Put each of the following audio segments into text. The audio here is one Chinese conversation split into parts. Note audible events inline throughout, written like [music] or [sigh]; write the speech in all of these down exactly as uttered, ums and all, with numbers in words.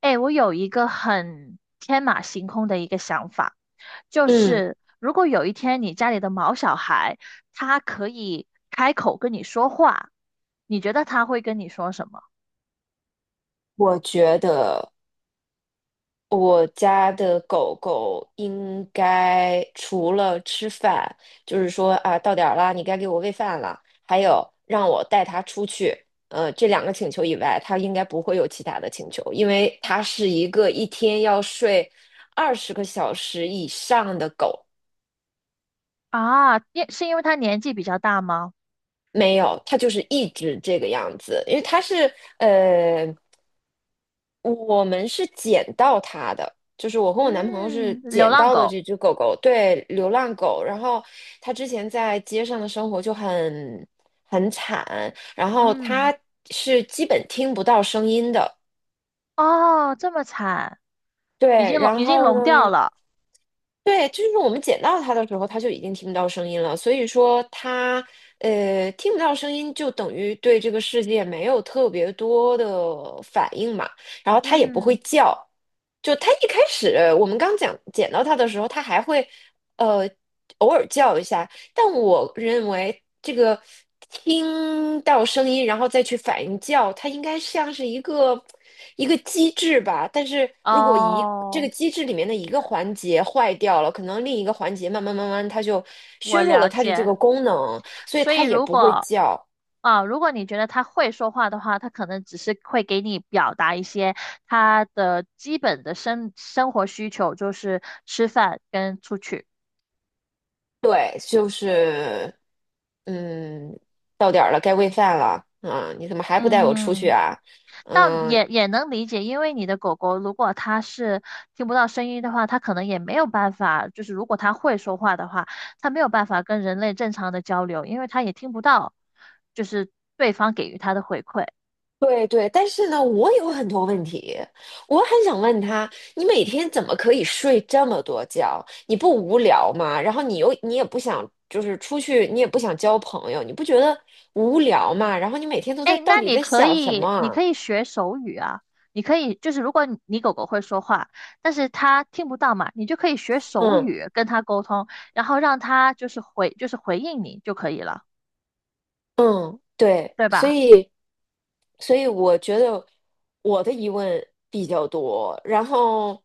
哎，我有一个很天马行空的一个想法，就嗯，是如果有一天你家里的毛小孩，他可以开口跟你说话，你觉得他会跟你说什么？我觉得我家的狗狗应该除了吃饭，就是说啊，到点儿了，你该给我喂饭了，还有让我带它出去，呃，这两个请求以外，它应该不会有其他的请求，因为它是一个一天要睡二十个小时以上的狗。啊，因是因为他年纪比较大吗？没有，它就是一直这个样子，因为它是呃。我们是捡到它的，就是我和我男朋友是嗯，流捡浪到的狗。这只狗狗，对，流浪狗。然后它之前在街上的生活就很很惨，然后嗯，它是基本听不到声音的。哦，这么惨，已对，经聋然已经后聋掉呢？了。对，就是我们捡到它的时候，它就已经听不到声音了。所以说它，呃，听不到声音，就等于对这个世界没有特别多的反应嘛。然后它也不会嗯，叫。就它一开始，我们刚讲捡到它的时候，它还会，呃，偶尔叫一下。但我认为这个听到声音，然后再去反应叫，它应该像是一个一个机制吧。但是如果一这个哦，机制里面的一个环节坏掉了，可能另一个环节慢慢慢慢它就我削弱了了它的这解。个功能，所以所以它也如不会果叫。啊，如果你觉得他会说话的话，他可能只是会给你表达一些他的基本的生生活需求，就是吃饭跟出去。对，就是嗯，到点儿了，该喂饭了。啊，你怎么还不带我出去嗯，啊？但嗯，也也能理解，因为你的狗狗如果它是听不到声音的话，它可能也没有办法，就是如果它会说话的话，它没有办法跟人类正常的交流，因为它也听不到，就是对方给予它的回馈。对对，但是呢，我有很多问题，我很想问他，你每天怎么可以睡这么多觉？你不无聊吗？然后你又你也不想，就是出去，你也不想交朋友，你不觉得无聊吗？然后你每天都在哎，到那底你在可想什么以，你啊可以学手语啊。你可以，就是如果你你狗狗会说话，但是它听不到嘛，你就可以学手嗯。语跟它沟通，然后让它就是回，就是回应你就可以了，嗯，对，对所吧？以，所以我觉得我的疑问比较多。然后，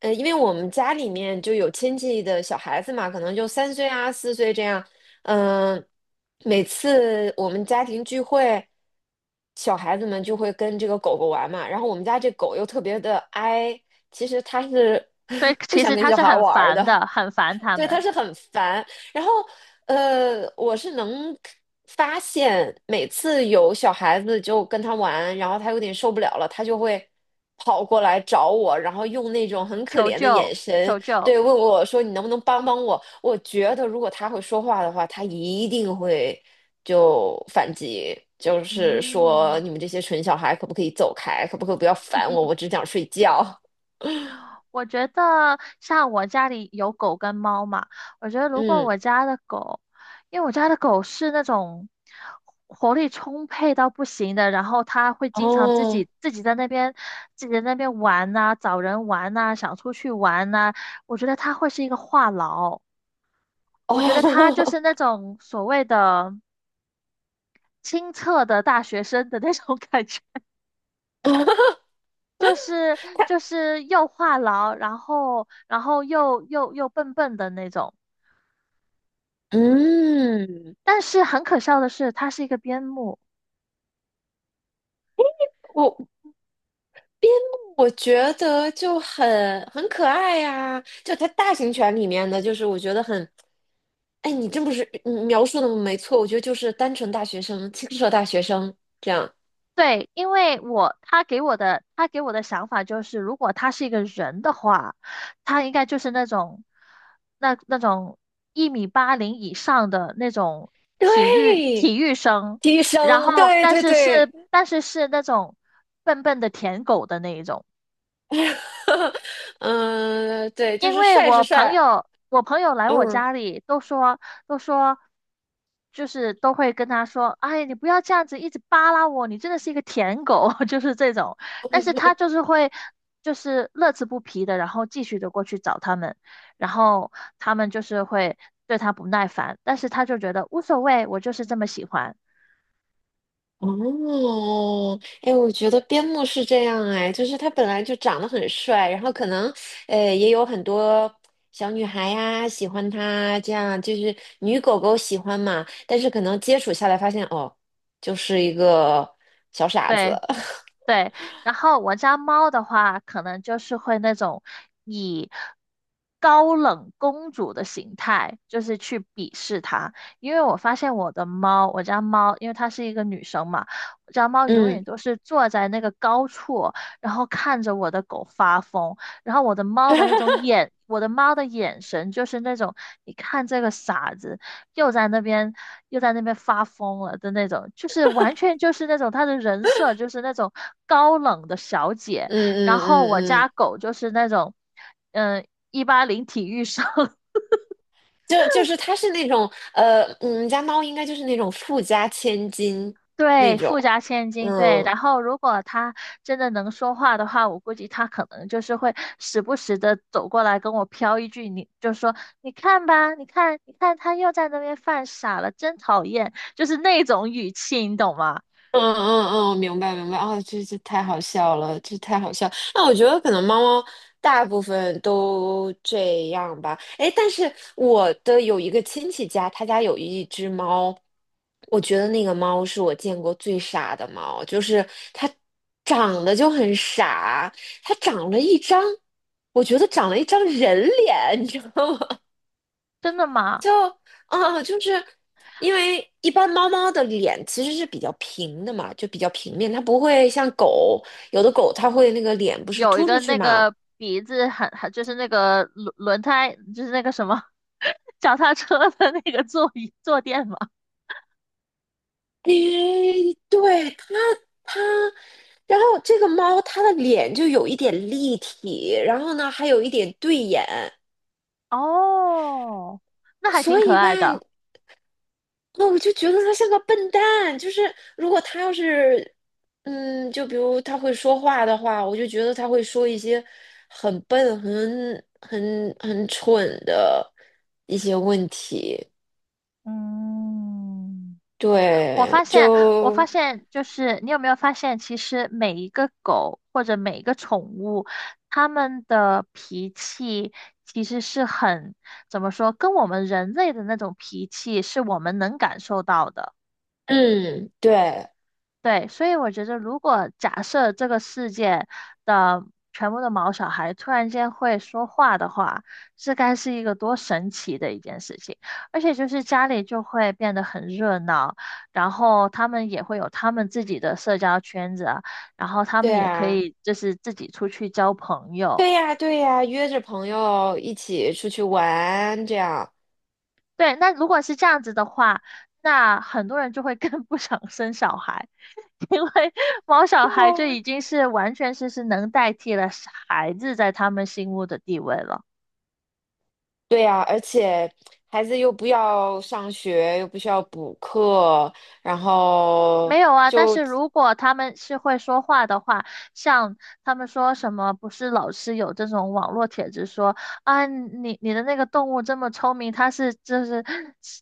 呃，因为我们家里面就有亲戚的小孩子嘛，可能就三岁啊、四岁这样。嗯、每次我们家庭聚会，小孩子们就会跟这个狗狗玩嘛。然后我们家这狗又特别的哀，其实它是 [laughs] 所以 [laughs] 不其想实跟它小是孩很玩儿烦的。的，很烦它对，他们，是很烦。然后，呃，我是能发现，每次有小孩子就跟他玩，然后他有点受不了了，他就会跑过来找我，然后用那种很可求怜的救，眼神，求救。对，问我说："你能不能帮帮我？"我觉得如果他会说话的话，他一定会就反击，就是说嗯。你们这些蠢小孩可不可以走开，可不可以不要烦我，我只想睡觉。我觉得像我家里有狗跟猫嘛，我觉得如果嗯，我家的狗，因为我家的狗是那种活力充沛到不行的，然后它会经常自哦，己自己在那边自己在那边玩呐、找人玩呐、想出去玩呐、我觉得它会是一个话痨，我觉得它就哦。是那种所谓的清澈的大学生的那种 [laughs] 感觉。[laughs] 就是就是又话痨，然后然后又又又笨笨的那种。嗯，但是很可笑的是，他是一个边牧。我我觉得就很很可爱呀、就它大型犬里面的，就是我觉得很，哎，你真不是你描述的没错，我觉得就是单纯大学生、青涩大学生这样，对，因为我他给我的他给我的想法就是，如果他是一个人的话，他应该就是那种那那种一米八零以上的那种体育对，体育生，低然声，后对但对是是对，但是是那种笨笨的舔狗的那一种。[laughs] 嗯对，就因是为帅是我朋帅。友，我朋友来我嗯。家里都说，都说，就是都会跟他说，哎，你不要这样子一直扒拉我，你真的是一个舔狗，[laughs] 就是这种。但是他就是会，就是乐此不疲的，然后继续的过去找他们，然后他们就是会对他不耐烦，但是他就觉得无所谓，我就是这么喜欢。哦，哎，我觉得边牧是这样哎，就是他本来就长得很帅，然后可能，呃，也有很多小女孩呀喜欢他，这样就是女狗狗喜欢嘛，但是可能接触下来发现，哦，就是一个小傻子。对，[laughs] 对，然后我家猫的话，可能就是会那种以高冷公主的形态，就是去鄙视它。因为我发现我的猫，我家猫，因为它是一个女生嘛，我家猫永嗯。远都是坐在那个高处，然后看着我的狗发疯。然后我的猫的那种眼，我的猫的眼神就是那种，你看这个傻子，又在那边又在那边发疯了的那种，就是完全就是那种他的人设就是那种高冷的小姐，嗯然嗯后嗯我家嗯，狗就是那种，嗯、一八零体育生。[laughs] 就就是他是那种呃，我们家猫应该就是那种富家千金那对，种。富家千金，对。嗯。然后，如果他真的能说话的话，我估计他可能就是会时不时的走过来跟我飘一句，你就说，你看吧，你看，你看，他又在那边犯傻了，真讨厌，就是那种语气，你懂吗？嗯嗯嗯，明白明白，哦，这这太好笑了，这太好笑。那我觉得可能猫猫大部分都这样吧。哎，但是我的有一个亲戚家，他家有一只猫，我觉得那个猫是我见过最傻的猫，就是它长得就很傻，它长了一张，我觉得长了一张人脸，你知道吗？真的吗？就啊，就是因为一般猫猫的脸其实是比较平的嘛，就比较平面，它不会像狗，有的狗它会那个脸不是有一凸出个去那嘛。个鼻子很很就是那个轮轮胎就是那个什么 [laughs] 脚踏车的那个座椅坐垫嘛，诶，对，它它，然后这个猫它的脸就有一点立体，然后呢还有一点对眼，哦，那还挺所可以吧，爱的。那我就觉得他像个笨蛋，就是如果他要是，嗯，就比如他会说话的话，我就觉得他会说一些很笨、很很很蠢的一些问题。嗯，我发对，现，我发就现就是你有没有发现，其实每一个狗或者每一个宠物，它们的脾气其实是很，怎么说，跟我们人类的那种脾气是我们能感受到的。嗯，对，对，所以我觉得，如果假设这个世界的全部的毛小孩突然间会说话的话，这该是一个多神奇的一件事情。而且就是家里就会变得很热闹，然后他们也会有他们自己的社交圈子啊然后他对们也可啊，以就是自己出去交朋友。对呀，对呀，约着朋友一起出去玩，这样。对，那如果是这样子的话，那很多人就会更 [laughs] 不想生小孩。[laughs] 因为毛小对孩就啊已经是完全是是能代替了孩子在他们心目的地位了。对呀，而且孩子又不要上学，又不需要补课，然后没有啊，但就，是如果他们是会说话的话，像他们说什么，不是老是有这种网络帖子说啊，你你的那个动物这么聪明，它是就是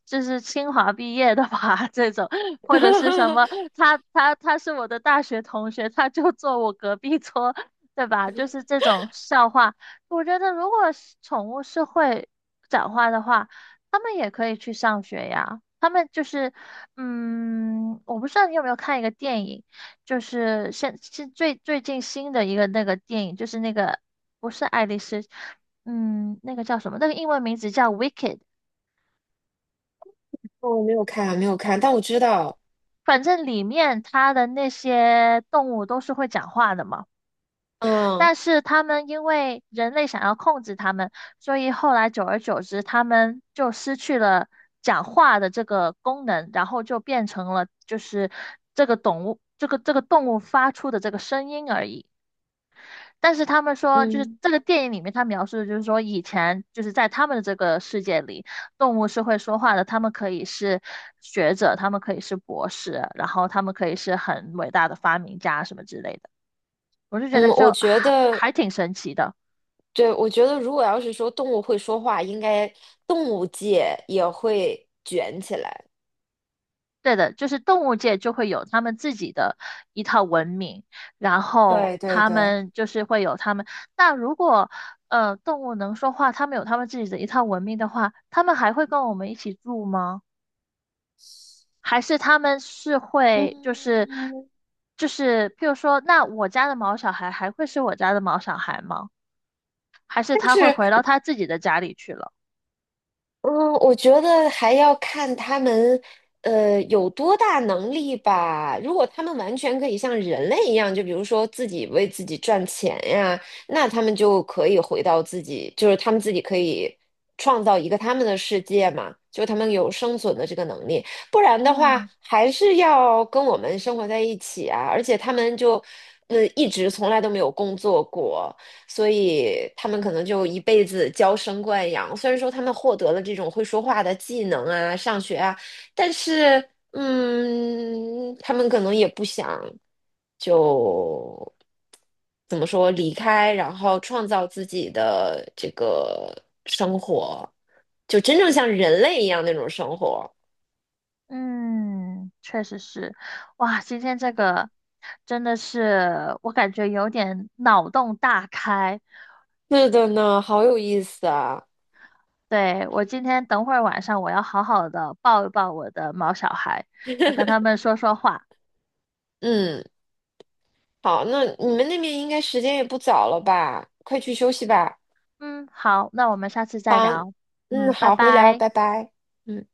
就是清华毕业的吧？[laughs] 这种，或者是什么，[laughs] 他他他是我的大学同学，他就坐我隔壁桌，对吧？就是这种笑话，我觉得如果是宠物是会讲话的话。他们也可以去上学呀。他们就是，嗯，我不知道你有没有看一个电影，就是现是最最近新的一个那个电影，就是那个不是爱丽丝，嗯，那个叫什么？那个英文名字叫《Wicked》，我没有看，没有看，但我知道，反正里面它的那些动物都是会讲话的嘛。嗯但是他们因为人类想要控制他们，所以后来久而久之，他们就失去了讲话的这个功能，然后就变成了就是这个动物这个这个动物发出的这个声音而已。但是他们说，就是嗯这个电影里面他描述的就是说，以前就是在他们的这个世界里，动物是会说话的，他们可以是学者，他们可以是博士，然后他们可以是很伟大的发明家什么之类的。我就觉得嗯，就我觉还得，还挺神奇的。对，我觉得如果要是说动物会说话，应该动物界也会卷起来。对的，就是动物界就会有他们自己的一套文明，然后对对他对，们就是会有他们。那如果呃动物能说话，他们有他们自己的一套文明的话，他们还会跟我们一起住吗？还是他们是会就是嗯，就是譬如说，那我家的毛小孩还会是我家的毛小孩吗？还是但他会是。回到他自己的家里去了？嗯，我觉得还要看他们，呃，有多大能力吧。如果他们完全可以像人类一样，就比如说自己为自己赚钱呀，那他们就可以回到自己，就是他们自己可以创造一个他们的世界嘛，就他们有生存的这个能力。不然的话，嗯。还是要跟我们生活在一起啊。而且他们就，呃，一直从来都没有工作过。所以他们可能就一辈子娇生惯养。虽然说他们获得了这种会说话的技能啊，上学啊，但是，嗯，他们可能也不想就怎么说离开，然后创造自己的这个生活，就真正像人类一样那种生活。嗯，确实是，哇，今天这个真的是我感觉有点脑洞大开。是的呢，好有意思啊。对，我今天等会儿晚上我要好好的抱一抱我的毛小孩，要跟他们说说话。嗯，好，那你们那边应该时间也不早了吧？快去休息吧。嗯，好，那我们下次再好，聊。嗯，嗯，拜好，回聊，拜。拜拜。嗯。